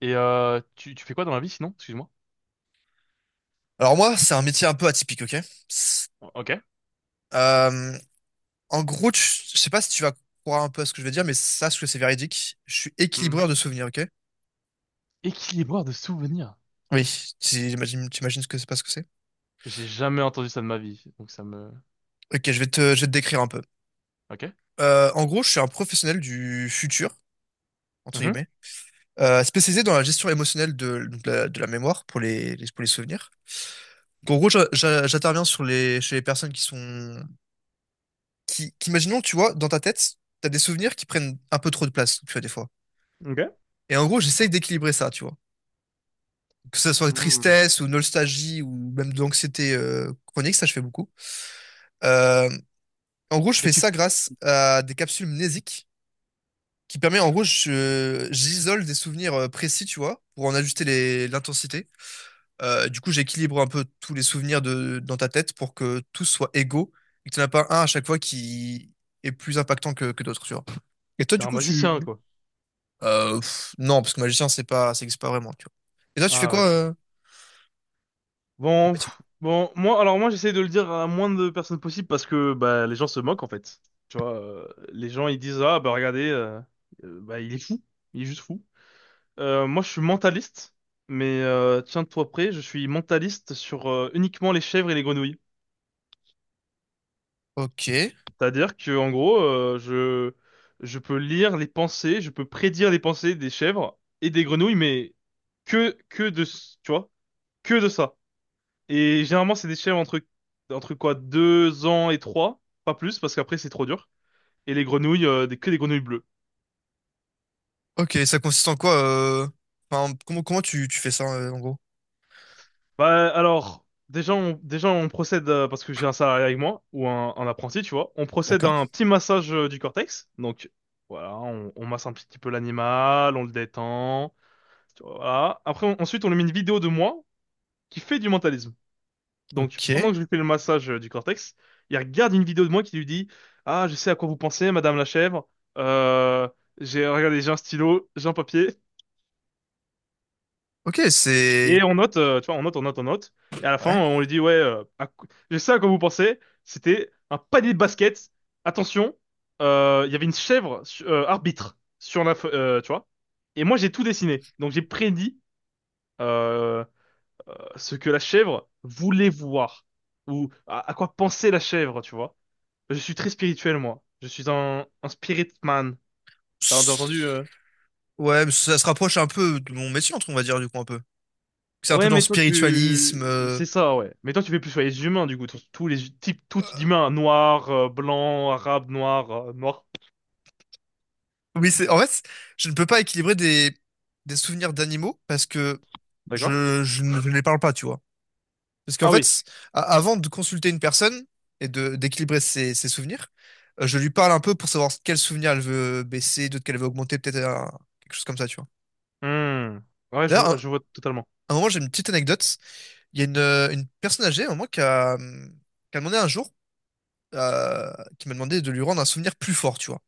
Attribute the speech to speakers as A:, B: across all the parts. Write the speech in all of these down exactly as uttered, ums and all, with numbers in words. A: Et euh, tu, tu fais quoi dans la vie sinon? Excuse-moi.
B: Alors moi, c'est un métier un peu atypique, ok?
A: Ok.
B: euh, En gros, tu- je sais pas si tu vas croire un peu à ce que je vais dire, mais sache que c'est véridique. Je suis
A: Mhm.
B: équilibreur de souvenirs, ok?
A: Équilibreur de souvenirs.
B: Oui, t'imagines, t'imagines ce que c'est pas ce que c'est?
A: J'ai jamais entendu ça de ma vie, donc ça me...
B: Ok, je vais te, je vais te décrire un peu.
A: Ok.
B: Euh, en gros, je suis un professionnel du futur, entre
A: Mhm.
B: guillemets, euh, spécialisé dans la gestion émotionnelle de, donc la, de la mémoire pour les, les- pour les souvenirs. Donc, en gros, j'a- j'a- j'interviens sur les, chez les personnes qui sont, qui, qui, imaginons, tu vois, dans ta tête, t'as des souvenirs qui prennent un peu trop de place, tu vois, des fois.
A: Ok.
B: Et en gros, j'essaye d'équilibrer ça, tu vois. Que ce soit
A: Hmm.
B: tristesse ou nostalgie ou même de l'anxiété euh, chronique, ça je fais beaucoup. Euh, En gros, je
A: Et
B: fais
A: tu...
B: ça
A: f-
B: grâce à des capsules mnésiques qui permet, en gros, je- j'isole des souvenirs euh, précis, tu vois, pour en ajuster les- l'intensité. Euh, du coup, j'équilibre un peu tous les souvenirs de, dans ta tête pour que tous soient égaux et que tu n'en as pas un à chaque fois qui est plus impactant que, que d'autres, tu vois. Et toi,
A: T'es
B: du
A: un
B: coup, tu...
A: magicien, quoi.
B: Euh, pff, non, parce que magicien, c'est pas, ça existe pas vraiment, tu vois. Et toi, tu fais
A: Ah ouais,
B: quoi
A: ça.
B: euh,
A: Bon, pff, bon, moi, alors moi, j'essaie de le dire à moins de personnes possible parce que bah, les gens se moquent, en fait. Tu vois, euh, les gens, ils disent, ah, bah, regardez, euh, euh, bah, il est fou. Il est juste fou. Euh, moi, je suis mentaliste, mais euh, tiens-toi prêt, je suis mentaliste sur euh, uniquement les chèvres et les grenouilles.
B: ok.
A: C'est-à-dire que en gros, euh, je je peux lire les pensées, je peux prédire les pensées des chèvres et des grenouilles, mais que que de s- tu vois que de ça. Et généralement, c'est des chèvres entre entre quoi deux ans et trois, pas plus, parce qu'après c'est trop dur. Et les grenouilles, euh, des, que des grenouilles bleues.
B: Ok, ça consiste en quoi euh... enfin, comment, comment tu, tu fais ça euh, en gros?
A: Bah alors déjà on déjà on procède euh, parce que j'ai un salarié avec moi ou un, un apprenti, tu vois. On procède à un
B: D'accord.
A: petit massage euh, du cortex, donc. Voilà, on, on masse un petit peu l'animal, on le détend. Voilà. Après, on- ensuite, on lui met une vidéo de moi qui fait du mentalisme. Donc,
B: Ok.
A: pendant que je lui fais le massage euh, du cortex, il regarde une vidéo de moi qui lui dit: ah, je sais à quoi vous pensez, Madame la chèvre. Euh, j'ai, regardez, j'ai un stylo, j'ai un papier.
B: Ok,
A: Et
B: c'est.
A: on note, euh, tu vois, on note, on note, on note. Et à la fin,
B: Ouais.
A: on lui dit: ouais, euh, à qu- je sais à quoi vous pensez. C'était un panier de basket. Attention, euh, il y avait une chèvre su- euh, arbitre sur la, fe- euh, tu vois. Et moi, j'ai tout dessiné. Donc, j'ai prédit. euh, ce que la chèvre voulait voir, ou à, à quoi pensait la chèvre, tu vois. Je suis très spirituel, moi. Je suis un, un spirit man. T'as t'as entendu
B: S-
A: euh
B: Ouais, mais ça se rapproche un peu de mon métier, on va dire, du coup, un peu. C'est un peu
A: Ouais,
B: dans le
A: mais toi,
B: spiritualisme.
A: tu...
B: euh.
A: C'est ça, ouais. Mais toi, tu fais plus sur les humains, du coup. Tous tous les types, tous d'humains, noirs, euh, blancs, arabes, noirs, euh, noirs.
B: Oui, c'est. En fait, c'est- je ne peux pas équilibrer des, des souvenirs d'animaux parce que
A: D'accord?
B: je, je ne je ne les parle pas, tu vois. Parce qu'en
A: Ah oui.
B: fait, a- avant de consulter une personne et de d'équilibrer ses, ses souvenirs, euh, je lui parle un peu pour savoir quel souvenir elle veut baisser, d'autres qu'elle veut augmenter, peut-être un- quelque chose comme ça, tu vois.
A: Hmm. Ouais, je,
B: D'ailleurs, à un, à
A: je vois totalement.
B: un moment, j'ai une petite anecdote. Il y a une, euh, une personne âgée, à un moment, qui a, hum, qui a demandé un jour, euh, qui m'a demandé de lui rendre un souvenir plus fort, tu vois.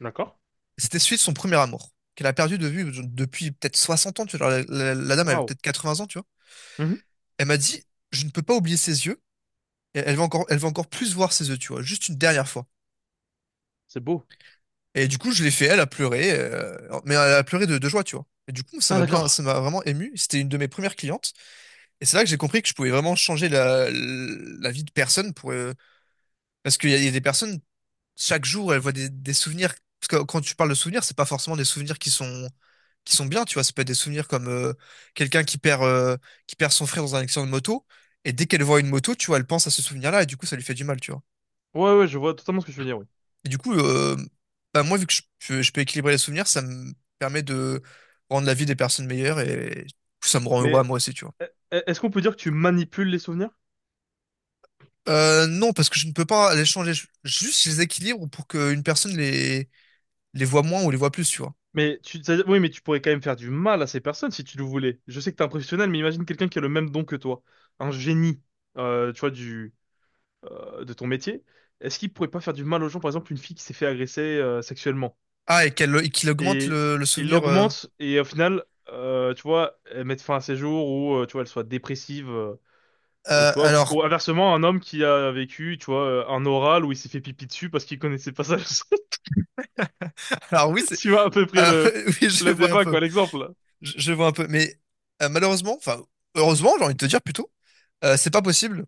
A: D'accord?
B: C'était celui de son premier amour, qu'elle a perdu de vue depuis peut-être soixante ans, tu vois. La, la- la dame avait
A: Waouh.
B: peut-être quatre-vingts ans, tu vois.
A: Mhm.
B: Elle m'a dit, je ne peux pas oublier ses yeux. Elle elle veut encore, elle veut encore plus voir ses yeux, tu vois, juste une dernière fois.
A: C'est beau.
B: Et du coup, je l'ai fait, elle a pleuré, euh, mais elle a pleuré de, de joie, tu vois. Et du coup, ça
A: Ah,
B: m'a bien, ça
A: d'accord.
B: m'a vraiment ému. C'était une de mes premières clientes. Et c'est là que j'ai compris que je pouvais vraiment changer la, la vie de personne pour, euh, parce qu'il y a, il y a des personnes, chaque jour, elles voient des, des souvenirs. Parce que quand tu parles de souvenirs, c'est pas forcément des souvenirs qui sont, qui sont bien, tu vois. Ça peut être des souvenirs comme euh, quelqu'un qui perd, euh, qui perd son frère dans un accident de moto. Et dès qu'elle voit une moto, tu vois, elle pense à ce souvenir-là et du coup, ça lui fait du mal, tu vois.
A: Ouais, ouais, je vois totalement ce que tu veux dire, oui.
B: Et du coup, euh, bah, moi, vu que je, peux je peux équilibrer les souvenirs, ça me permet de rendre la vie des personnes meilleures et du coup, ça me rend heureux
A: Mais
B: à moi aussi, tu vois.
A: euh, est-ce qu'on peut dire que tu manipules les souvenirs?
B: Euh, non, parce que je ne peux pas les changer. Je- Juste, je les équilibre pour qu'une personne les, les voit moins ou les voit plus, tu vois.
A: Mais tu, ça- oui, mais tu pourrais quand même faire du mal à ces personnes si tu le voulais. Je sais que t'es un professionnel, mais imagine quelqu'un qui a le même don que toi, un génie, euh, tu vois, du, euh, de ton métier. Est-ce qu'il pourrait pas faire du mal aux gens, par exemple, une fille qui s'est fait agresser euh, sexuellement
B: Ah, et qu'elle, et qu'il augmente
A: et
B: le, le
A: il
B: souvenir. euh.
A: l'augmente et au final, euh, tu vois, elle mette fin à ses jours ou euh, tu vois, elle soit dépressive euh, ou
B: Euh,
A: tu vois,
B: alors,
A: ou inversement, un homme qui a vécu, tu vois, euh, un oral où il s'est fait pipi dessus parce qu'il connaissait pas ça.
B: alors oui, c'est,
A: Tu vois à peu près
B: ah,
A: le
B: oui, je
A: le
B: vois un
A: débat
B: peu.
A: quoi, l'exemple.
B: Je, je vois un peu, mais euh, malheureusement, enfin heureusement, j'ai envie de te dire plutôt, euh, c'est pas possible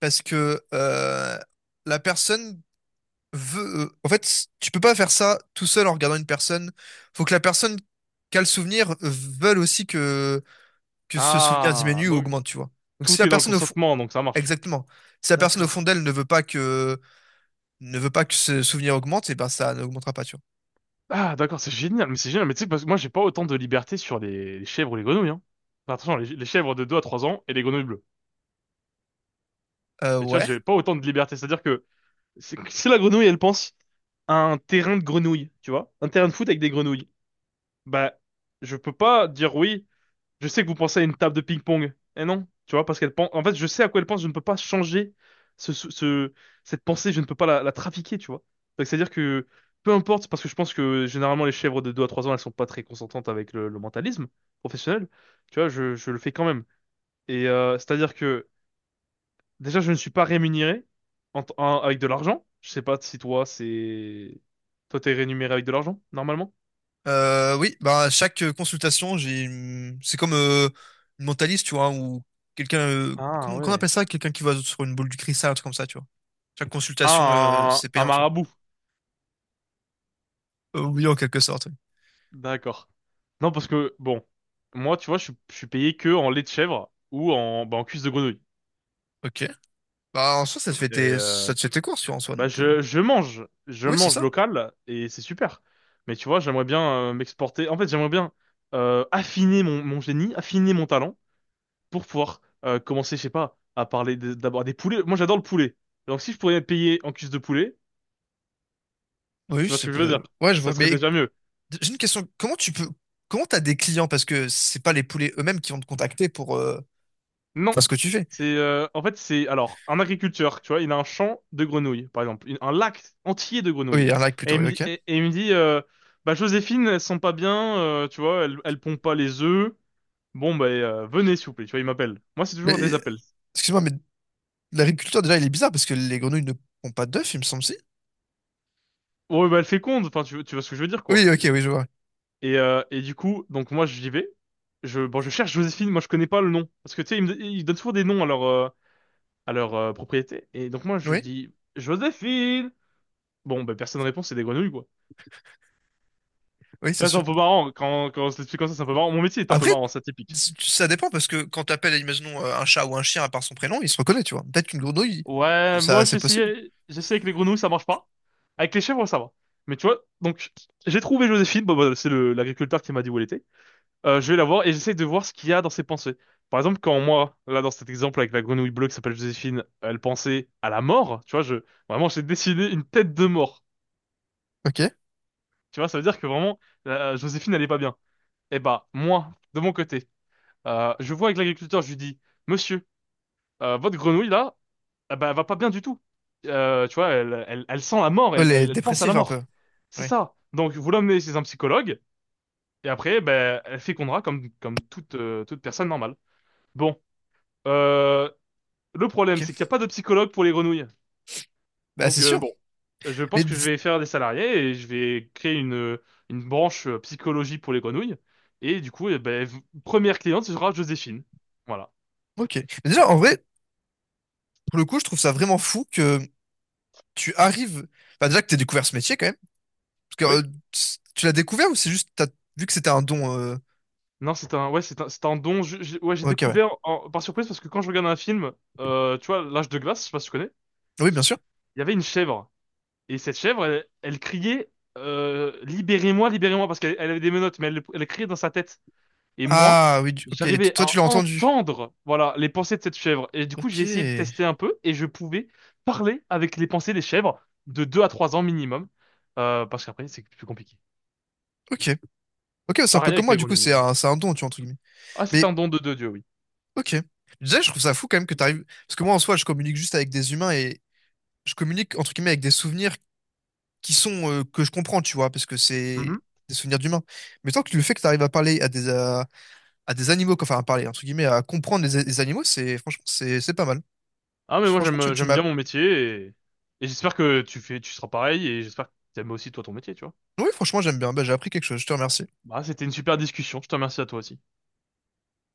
B: parce que euh, la personne veut. Euh, en fait, tu peux pas faire ça tout seul en regardant une personne. Faut que la personne qui a le souvenir veuille aussi que que ce souvenir
A: Ah,
B: diminue ou
A: donc
B: augmente, tu vois. Donc si
A: tout
B: la
A: est dans le
B: personne au fond,
A: consentement, donc ça marche.
B: exactement, si la personne au fond
A: D'accord.
B: d'elle ne veut pas que ne veut pas que ce souvenir augmente, et ben ça n'augmentera pas, tu
A: Ah, d'accord, c'est génial, mais c'est génial. Mais tu sais, parce que moi, j'ai pas autant de liberté sur les, les chèvres ou les grenouilles. Hein. Enfin, attention, les, les chèvres de deux à trois ans et les grenouilles bleues.
B: vois. Euh,
A: Mais tu vois,
B: ouais.
A: j'ai pas autant de liberté. C'est-à-dire que c'est- si la grenouille, elle pense à un terrain de grenouilles, tu vois, un terrain de foot avec des grenouilles, bah, je peux pas dire oui, Je sais que vous pensez à une table de ping-pong. Eh non, tu vois, parce qu'elle pense. En fait, je sais à quoi elle pense. Je ne peux pas changer ce, ce- ce- cette pensée. Je ne peux pas la, la trafiquer, tu vois. Donc, c'est-à-dire que peu importe, parce que je pense que généralement les chèvres de deux à trois ans, elles sont pas très consentantes avec le, le mentalisme professionnel. Tu vois, je, je le fais quand même. Et euh, c'est-à-dire que déjà, je ne suis pas rémunéré en t- en- avec de l'argent. Je sais pas si toi, c'est toi, t'es rémunéré avec de l'argent normalement.
B: Euh, oui, bah, à chaque euh, consultation, j'ai une- c'est comme euh, une mentaliste, tu vois, ou quelqu'un euh,
A: Ah
B: comment, comment on
A: ouais.
B: appelle ça? Quelqu'un qui va sur une boule du cristal, un truc comme ça, tu vois. Chaque consultation, euh,
A: Ah,
B: c'est
A: un un
B: payant, tu vois.
A: marabout.
B: Euh, oui, en quelque sorte. Oui.
A: D'accord. Non, parce que, bon, moi, tu vois, je, suis je suis payé que en lait de chèvre ou en, bah, en cuisse de grenouille.
B: Ok. Bah en soi, ça te fait
A: Et
B: tes
A: euh,
B: ça te fait tes courses, tu vois, en soi,
A: bah,
B: donc euh,
A: je, je mange, je
B: oui, c'est
A: mange
B: ça.
A: local et c'est super. Mais tu vois, j'aimerais bien euh, m'exporter. En fait, j'aimerais bien euh, affiner mon, mon génie, affiner mon talent pour pouvoir euh, commencer, je sais pas, à parler de- d'abord des poulets. Moi, j'adore le poulet. Donc, si je pourrais être payé en cuisse de poulet,
B: Oui,
A: tu vois ce
B: c'est
A: que je
B: pas...
A: veux dire?
B: Ouais, je
A: Ça
B: vois.
A: serait
B: Mais
A: déjà mieux.
B: j'ai une question. Comment tu peux comment t'as des clients? Parce que c'est pas les poulets eux-mêmes qui vont te contacter pour euh,
A: Non.
B: faire ce que tu fais.
A: C'est euh, en fait c'est alors un agriculteur, tu vois, il a un champ de grenouilles, par exemple, une- un lac entier de grenouilles.
B: Oui, un like
A: Et
B: plutôt,
A: il
B: oui,
A: me dit,
B: ok.
A: et- et il me dit euh, bah Joséphine, elles sont pas bien, euh, tu vois, elles, elles pondent pas les œufs. Bon bah euh, venez s'il vous plaît, tu vois, il m'appelle. Moi c'est toujours des
B: Mais
A: appels.
B: excuse-moi, mais l'agriculteur, déjà, il est bizarre parce que les grenouilles ne pondent pas d'œufs, il me semble si.
A: Ouais bah elle féconde, enfin tu, tu vois ce que je veux dire quoi.
B: Oui, ok, oui, je vois.
A: Et euh, et du coup donc moi j'y vais, je bon je cherche Joséphine, moi je connais pas le nom parce que tu sais ils me, ils donnent toujours des noms à leur euh, à leur euh, propriété. Et donc moi je
B: Oui,
A: dis Joséphine. Bon bah personne ne répond, c'est des grenouilles quoi.
B: oui,
A: Tu
B: c'est
A: vois, c'est un
B: sûr.
A: peu marrant. Quand, quand on se l'explique comme ça, c'est un peu marrant. Mon métier est un peu
B: Après,
A: marrant, c'est atypique.
B: c- ça dépend parce que quand t'appelles, imaginons, euh, un chat ou un chien à part son prénom, il se reconnaît, tu vois. Peut-être qu'une grenouille,
A: Ouais, moi,
B: ça,
A: j'ai
B: c'est possible.
A: essayé, j'ai essayé avec les grenouilles, ça marche pas. Avec les chèvres, ça va. Mais tu vois, donc, j'ai trouvé Joséphine. Bon, bah, c'est le, l'agriculteur qui m'a dit où elle était. Euh, je vais la voir et j'essaye de voir ce qu'il y a dans ses pensées. Par exemple, quand moi, là, dans cet exemple avec la grenouille bleue qui s'appelle Joséphine, elle pensait à la mort, tu vois, je, vraiment, j'ai dessiné une tête de mort.
B: Ok.
A: Tu vois, ça veut dire que vraiment, euh, Joséphine, elle est pas bien. Et bah, moi, de mon côté, euh, je vois avec l'agriculteur, je lui dis: Monsieur, euh, votre grenouille là, ah bah, elle va pas bien du tout. Euh, tu vois, elle, elle, elle sent la mort,
B: Ouais,
A: elle,
B: les
A: elle, elle pense à la
B: dépressifs un peu.
A: mort. C'est
B: Oui,
A: ça. Donc, vous l'emmenez chez un psychologue, et après, ben, elle fécondera comme, comme toute, euh, toute personne normale. Bon, euh, le problème, c'est qu'il
B: ok.
A: n'y a pas de psychologue pour les grenouilles.
B: Bah,
A: Donc,
B: c'est
A: euh,
B: sûr.
A: bon, je
B: Mais,
A: pense que
B: d-
A: je vais faire des salariés et je vais créer une, une branche euh, psychologie pour les grenouilles. Et du coup, eh ben, v- première cliente, ce sera Joséphine. Voilà.
B: ok. Mais déjà, en vrai, pour le coup, je trouve ça vraiment fou que tu arrives. Enfin, déjà que t'aies découvert ce métier quand même. Parce
A: oui
B: que euh, c- tu l'as découvert ou c'est juste, t'as vu que c'était un don. euh,
A: Non, c'est un, ouais, c'est un, c'est un don. Je- j'ai- ouais, j'ai
B: Ok, ouais.
A: découvert en- par surprise parce que quand je regarde un film, euh, tu vois, L'Âge de glace, je sais pas si tu connais,
B: Oui, bien sûr.
A: il y avait une chèvre. Et cette chèvre, elle, elle criait euh, libérez-moi, libérez-moi, parce qu'elle elle avait des menottes, mais elle, elle criait dans sa tête. Et moi,
B: Ah, oui, du- ok. T-
A: j'arrivais
B: Toi,
A: à
B: tu l'as entendu.
A: entendre, voilà, les pensées de cette chèvre. Et du coup,
B: Ok,
A: j'ai essayé de tester un peu et je pouvais parler avec les pensées des chèvres de deux à trois ans minimum, euh, parce qu'après, c'est plus compliqué.
B: ok, ok, c'est un peu
A: Pareil
B: comme
A: avec
B: moi,
A: les
B: du coup,
A: grenouilles.
B: c'est
A: euh.
B: un, c'est un don, tu vois, entre guillemets.
A: Ah, c'est un
B: Mais,
A: don de, de Dieu, oui.
B: ok. Déjà, je trouve ça fou quand même que t'arrives. Parce que moi, en soi, je communique juste avec des humains et je communique, entre guillemets, avec des souvenirs qui sont, euh, que je comprends, tu vois, parce que c'est des souvenirs d'humains. Mais tant que le fait que t'arrives à parler à des, à, à des animaux, enfin, à parler, entre guillemets, à comprendre les, les animaux, c'est, franchement, c'est, c'est pas mal.
A: Ah mais moi
B: Franchement,
A: j'aime
B: tu,
A: euh,
B: tu
A: j'aime
B: m'as.
A: bien mon métier et, et j'espère que tu fais tu seras pareil et j'espère que t'aimes aussi toi ton métier, tu vois.
B: Oui, franchement, j'aime bien. Bah, j'ai appris quelque chose, je te remercie.
A: Bah c'était une super discussion, je te remercie à toi aussi.